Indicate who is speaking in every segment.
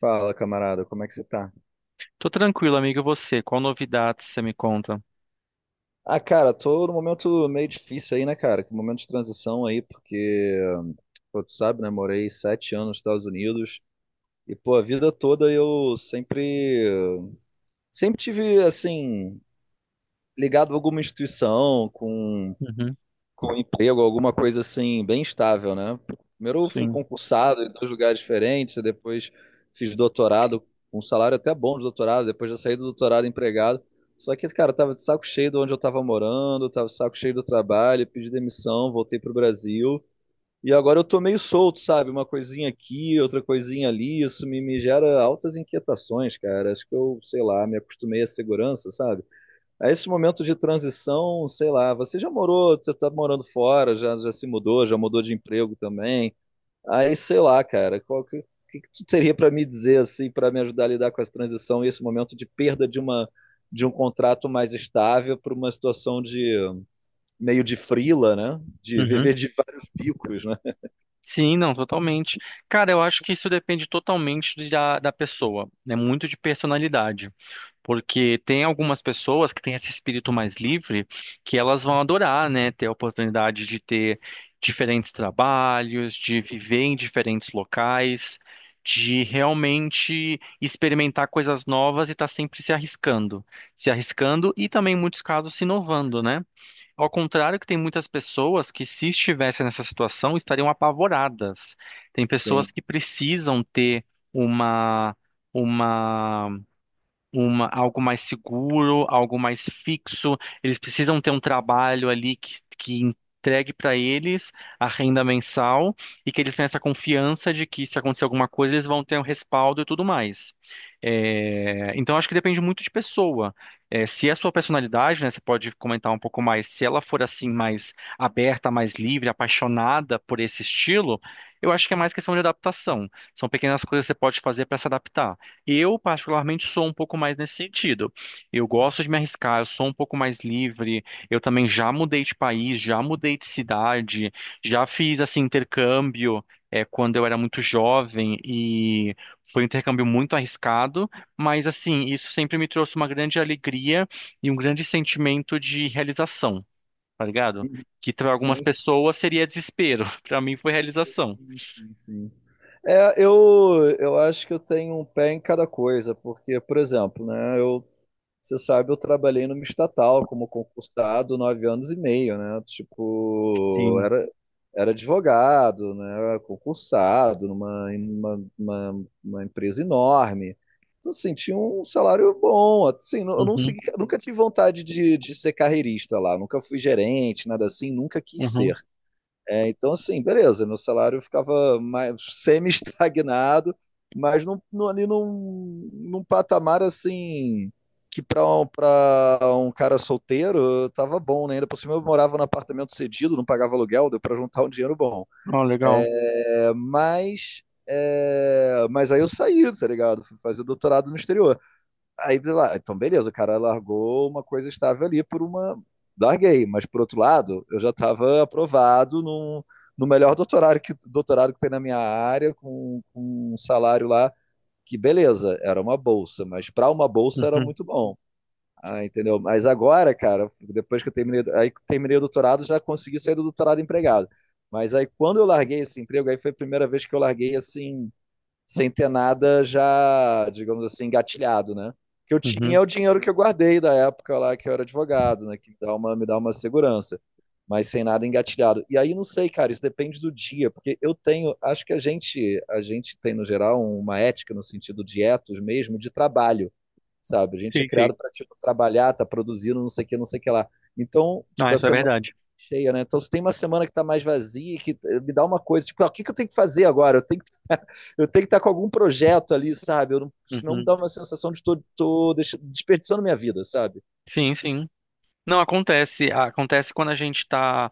Speaker 1: Fala, camarada, como é que você tá?
Speaker 2: Tô tranquilo, amigo. E você? Qual novidade você me conta?
Speaker 1: Ah, cara, tô num momento meio difícil aí, né, cara? Que momento de transição aí, porque, pô, tu sabe, né? Morei 7 anos nos Estados Unidos e, pô, a vida toda eu sempre tive, assim, ligado a alguma instituição, com
Speaker 2: Uhum,
Speaker 1: com emprego, alguma coisa assim, bem estável, né? Primeiro eu fui
Speaker 2: sim.
Speaker 1: concursado em 2 lugares diferentes, e depois fiz doutorado, um salário até bom de doutorado, depois já saí do doutorado empregado. Só que, cara, eu tava de saco cheio de onde eu tava morando, tava de saco cheio do trabalho, pedi demissão, voltei pro Brasil. E agora eu tô meio solto, sabe? Uma coisinha aqui, outra coisinha ali, isso me gera altas inquietações, cara. Acho que eu, sei lá, me acostumei à segurança, sabe? A esse momento de transição, sei lá, você já morou, você tá morando fora, já se mudou, já mudou de emprego também. Aí, sei lá, cara, o que que tu teria para me dizer assim, para me ajudar a lidar com essa transição e esse momento de perda de um contrato mais estável para uma situação de meio de frila, né? De
Speaker 2: Uhum,
Speaker 1: viver de vários bicos, né?
Speaker 2: sim, não, totalmente. Cara, eu acho que isso depende totalmente da pessoa, né? Muito de personalidade. Porque tem algumas pessoas que têm esse espírito mais livre que elas vão adorar, né? Ter a oportunidade de ter diferentes trabalhos, de viver em diferentes locais, de realmente experimentar coisas novas e estar sempre se arriscando. Se arriscando e também, em muitos casos, se inovando, né? Ao contrário que tem muitas pessoas que, se estivessem nessa situação, estariam apavoradas. Tem pessoas
Speaker 1: Sim.
Speaker 2: que precisam ter uma, uma algo mais seguro, algo mais fixo. Eles precisam ter um trabalho ali que entregue para eles a renda mensal e que eles tenham essa confiança de que se acontecer alguma coisa, eles vão ter um respaldo e tudo mais. É, então, acho que depende muito de pessoa. É, se é a sua personalidade, né, você pode comentar um pouco mais, se ela for assim mais aberta, mais livre, apaixonada por esse estilo, eu acho que é mais questão de adaptação. São pequenas coisas que você pode fazer para se adaptar. Eu, particularmente, sou um pouco mais nesse sentido. Eu gosto de me arriscar, eu sou um pouco mais livre. Eu também já mudei de país, já mudei de cidade, já fiz assim intercâmbio quando eu era muito jovem e foi um intercâmbio muito arriscado, mas assim, isso sempre me trouxe uma grande alegria e um grande sentimento de realização, tá ligado? Que para algumas
Speaker 1: Sim,
Speaker 2: pessoas seria desespero, para mim foi realização.
Speaker 1: sim, sim, sim. É, eu acho que eu tenho um pé em cada coisa, porque, por exemplo, né, eu você sabe, eu trabalhei numa estatal como concursado 9 anos e meio, né? Tipo,
Speaker 2: Sim.
Speaker 1: era advogado, né? Concursado numa uma empresa enorme. Então, assim, tinha um salário bom. Assim, eu não
Speaker 2: Uhum,
Speaker 1: segui- nunca tive vontade de ser carreirista lá, nunca fui gerente, nada assim, nunca quis ser.
Speaker 2: uhum.
Speaker 1: É, então, assim, beleza, meu salário ficava mais semi-estagnado, mas ali num patamar assim que pra um cara solteiro tava bom, né? Ainda por cima eu morava num apartamento cedido, não pagava aluguel, deu para juntar um dinheiro bom.
Speaker 2: Oh, legal.
Speaker 1: É, mas, aí eu saí, tá ligado? Fui fazer doutorado no exterior. Aí, lá, então, beleza, o cara largou uma coisa estável ali por uma. Larguei, mas por outro lado, eu já estava aprovado no melhor doutorado que tem na minha área, com um salário lá que, beleza, era uma bolsa, mas para uma bolsa era
Speaker 2: Uhum,
Speaker 1: muito bom. Ah, entendeu? Mas agora, cara, depois que eu terminei, aí que terminei o doutorado, já consegui sair do doutorado empregado. Mas aí quando eu larguei esse emprego, aí foi a primeira vez que eu larguei assim, sem ter nada já, digamos assim, engatilhado, né? O que eu tinha
Speaker 2: uhum.
Speaker 1: é o dinheiro que eu guardei da época lá que eu era advogado, né? Que me dá uma segurança, mas sem nada engatilhado. E aí não sei, cara, isso depende do dia, porque eu tenho, acho que a gente tem no geral uma ética no sentido de etos mesmo, de trabalho, sabe? A gente é
Speaker 2: Sim, sim.
Speaker 1: criado para tipo trabalhar, tá produzindo, não sei o que, não sei o que lá. Então,
Speaker 2: Não,
Speaker 1: tipo, a
Speaker 2: isso é
Speaker 1: semana
Speaker 2: verdade.
Speaker 1: cheia, né? Então, se tem uma semana que tá mais vazia, que me dá uma coisa, tipo, ah, que eu tenho que fazer agora? Eu tenho que eu tenho que estar com algum projeto ali, sabe? Eu não, senão me
Speaker 2: Uhum.
Speaker 1: dá uma sensação de desperdiçando minha vida, sabe?
Speaker 2: Sim, sim. Não, acontece. Acontece quando a gente tá.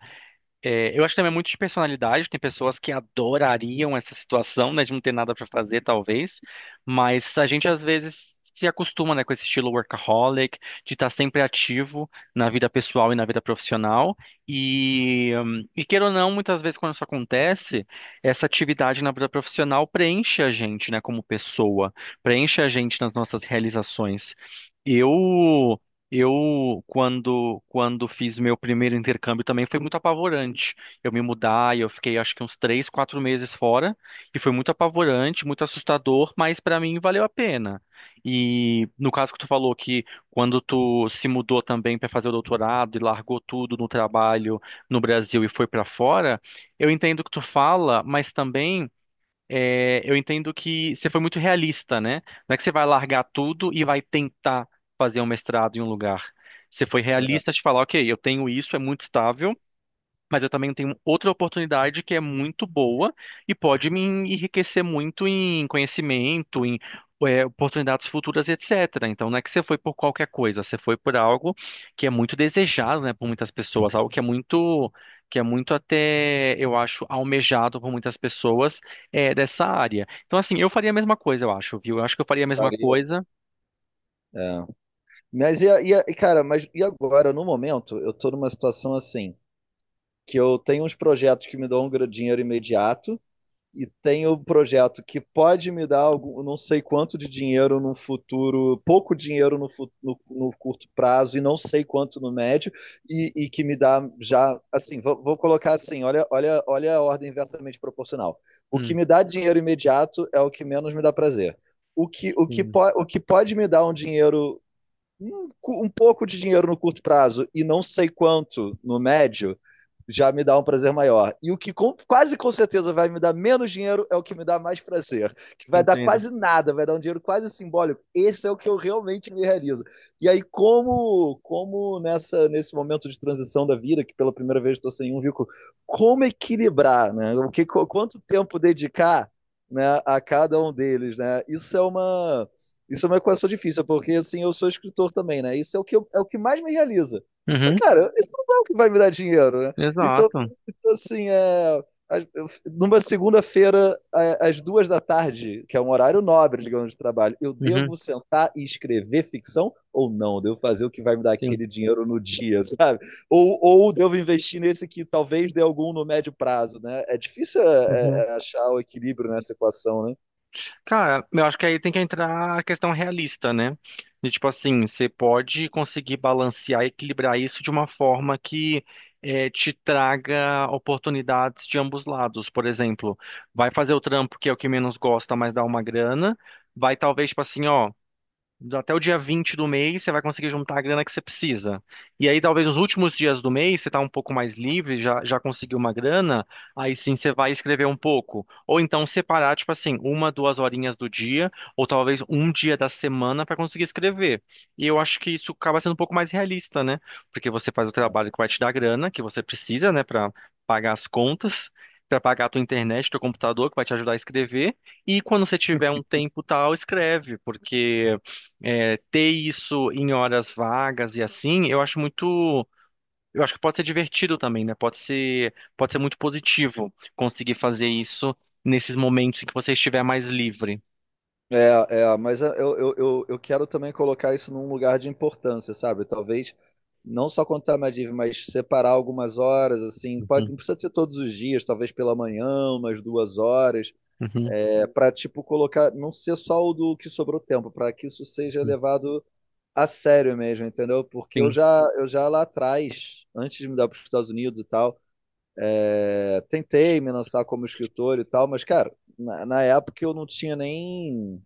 Speaker 2: É, eu acho que também é muito de personalidade. Tem pessoas que adorariam essa situação, né, de não ter nada para fazer, talvez. Mas a gente às vezes se acostuma, né, com esse estilo workaholic, de estar sempre ativo na vida pessoal e na vida profissional. E queira ou não, muitas vezes quando isso acontece, essa atividade na vida profissional preenche a gente, né, como pessoa, preenche a gente nas nossas realizações. Eu quando fiz meu primeiro intercâmbio também, foi muito apavorante. Eu me mudar e eu fiquei acho que uns três, quatro meses fora, e foi muito apavorante, muito assustador, mas para mim valeu a pena. E no caso que tu falou que quando tu se mudou também para fazer o doutorado e largou tudo no trabalho no Brasil e foi para fora, eu entendo o que tu fala, mas também eu entendo que você foi muito realista, né? Não é que você vai largar tudo e vai tentar fazer um mestrado em um lugar. Você foi
Speaker 1: É,
Speaker 2: realista de falar: ok, eu tenho isso, é muito estável, mas eu também tenho outra oportunidade que é muito boa e pode me enriquecer muito em conhecimento, em oportunidades futuras, etc. Então, não é que você foi por qualquer coisa, você foi por algo que é muito desejado, né, por muitas pessoas, algo que é muito até, eu acho, almejado por muitas pessoas dessa área. Então, assim, eu faria a mesma coisa, eu acho, viu? Eu acho que eu faria a mesma
Speaker 1: faria,
Speaker 2: coisa.
Speaker 1: é. Mas, cara, mas e agora, no momento, eu tô numa situação assim, que eu tenho uns projetos que me dão dinheiro imediato, e tem o projeto que pode me dar algum, não sei quanto de dinheiro no futuro, pouco dinheiro no curto prazo e não sei quanto no médio, e que me dá já, assim, vou colocar assim, olha, olha, olha a ordem inversamente proporcional. O que
Speaker 2: Hum,
Speaker 1: me dá dinheiro imediato é o que menos me dá prazer.
Speaker 2: sim,
Speaker 1: O que pode me dar um, um pouco de dinheiro no curto prazo e não sei quanto no médio, já me dá um prazer maior. E o que quase com certeza vai me dar menos dinheiro é o que me dá mais prazer. Que vai dar
Speaker 2: entendo.
Speaker 1: quase nada, vai dar um dinheiro quase simbólico. Esse é o que eu realmente me realizo. E aí, nesse momento de transição da vida, que pela primeira vez estou sem um rico, como equilibrar, né? Quanto tempo dedicar, né, a cada um deles, né? Isso é uma equação difícil, porque assim, eu sou escritor também, né? Isso é o que, é o que mais me realiza. Só
Speaker 2: Uhum,
Speaker 1: que, cara, isso não é o que vai me dar dinheiro, né? Então,
Speaker 2: exato.
Speaker 1: assim, é, as- eu- numa segunda-feira, às 2 da tarde, que é um horário nobre, digamos, de trabalho, eu
Speaker 2: Uhum,
Speaker 1: devo sentar e escrever ficção ou não? Devo fazer o que vai me dar
Speaker 2: sim.
Speaker 1: aquele dinheiro no dia, sabe? Ou devo investir nesse que talvez dê algum no médio prazo, né? É difícil
Speaker 2: Uhum.
Speaker 1: é achar o equilíbrio nessa equação, né?
Speaker 2: Cara, eu acho que aí tem que entrar a questão realista, né? De tipo assim, você pode conseguir balancear e equilibrar isso de uma forma que te traga oportunidades de ambos lados. Por exemplo, vai fazer o trampo que é o que menos gosta, mas dá uma grana. Vai talvez, tipo assim, ó. Até o dia 20 do mês você vai conseguir juntar a grana que você precisa. E aí, talvez nos últimos dias do mês, você está um pouco mais livre, já conseguiu uma grana, aí sim você vai escrever um pouco. Ou então separar, tipo assim, uma, duas horinhas do dia, ou talvez um dia da semana para conseguir escrever. E eu acho que isso acaba sendo um pouco mais realista, né? Porque você faz o trabalho que vai te dar grana, que você precisa, né, para pagar as contas. Para pagar a tua internet, teu computador, que vai te ajudar a escrever. E quando você tiver um tempo tal, escreve, porque ter isso em horas vagas e assim, eu acho muito. Eu acho que pode ser divertido também, né? Pode ser muito positivo conseguir fazer isso nesses momentos em que você estiver mais livre.
Speaker 1: Mas eu quero também colocar isso num lugar de importância, sabe? Talvez não só contar a Madiv, mas separar algumas horas, assim, pode,
Speaker 2: Uhum,
Speaker 1: não precisa ser todos os dias, talvez pela manhã, umas 2 horas,
Speaker 2: uhum,
Speaker 1: é, para tipo colocar, não ser só o do que sobrou tempo, para que isso seja
Speaker 2: uhum,
Speaker 1: levado a sério mesmo, entendeu? Porque
Speaker 2: sim.
Speaker 1: eu já lá atrás, antes de me dar para os Estados Unidos e tal, é, tentei me lançar como escritor e tal, mas cara, na época eu não tinha nem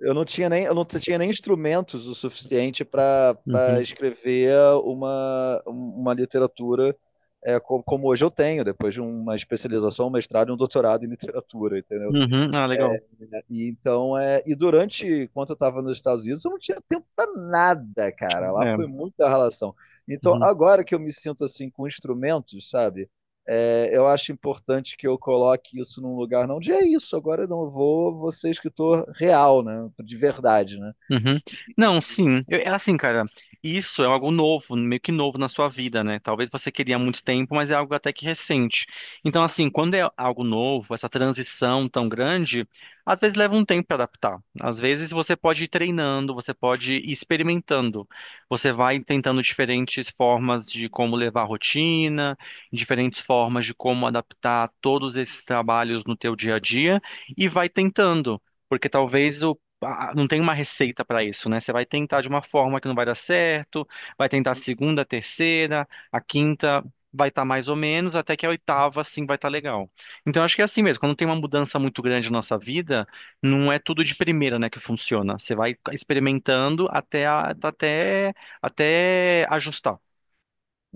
Speaker 1: eu não tinha nem, eu não tinha nem instrumentos o suficiente para
Speaker 2: Uhum,
Speaker 1: escrever uma literatura é, como hoje eu tenho, depois de uma especialização, um mestrado e um doutorado em literatura, entendeu?
Speaker 2: uhum. Ah, legal.
Speaker 1: E durante, enquanto eu estava nos Estados Unidos, eu não tinha tempo para nada, cara. Lá
Speaker 2: É.
Speaker 1: foi muita relação. Então,
Speaker 2: Uhum.
Speaker 1: agora que eu me sinto assim com instrumentos, sabe? É, eu acho importante que eu coloque isso num lugar não de é isso, agora eu não vou, vou ser escritor real, né? De verdade, né?
Speaker 2: Uhum. Não, sim. É assim, cara, isso é algo novo, meio que novo na sua vida, né? Talvez você queria há muito tempo, mas é algo até que recente. Então, assim, quando é algo novo, essa transição tão grande, às vezes leva um tempo para adaptar. Às vezes você pode ir treinando, você pode ir experimentando. Você vai tentando diferentes formas de como levar a rotina, diferentes formas de como adaptar todos esses trabalhos no teu dia a dia e vai tentando. Porque talvez não tem uma receita para isso, né? Você vai tentar de uma forma que não vai dar certo, vai tentar a segunda, a terceira, a quinta vai estar mais ou menos, até que a oitava sim vai estar legal. Então acho que é assim mesmo, quando tem uma mudança muito grande na nossa vida, não é tudo de primeira, né, que funciona. Você vai experimentando até até ajustar.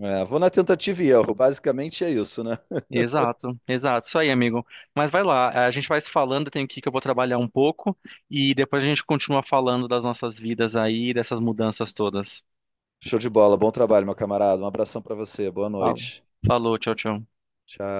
Speaker 1: É, vou na tentativa e erro. Basicamente é isso, né?
Speaker 2: Exato, exato. Isso aí, amigo. Mas vai lá, a gente vai se falando, eu tenho que ir que eu vou trabalhar um pouco e depois a gente continua falando das nossas vidas aí, dessas mudanças todas.
Speaker 1: Show de bola. Bom trabalho, meu camarada. Um abração pra você. Boa
Speaker 2: Fala.
Speaker 1: noite.
Speaker 2: Falou, tchau, tchau.
Speaker 1: Tchau.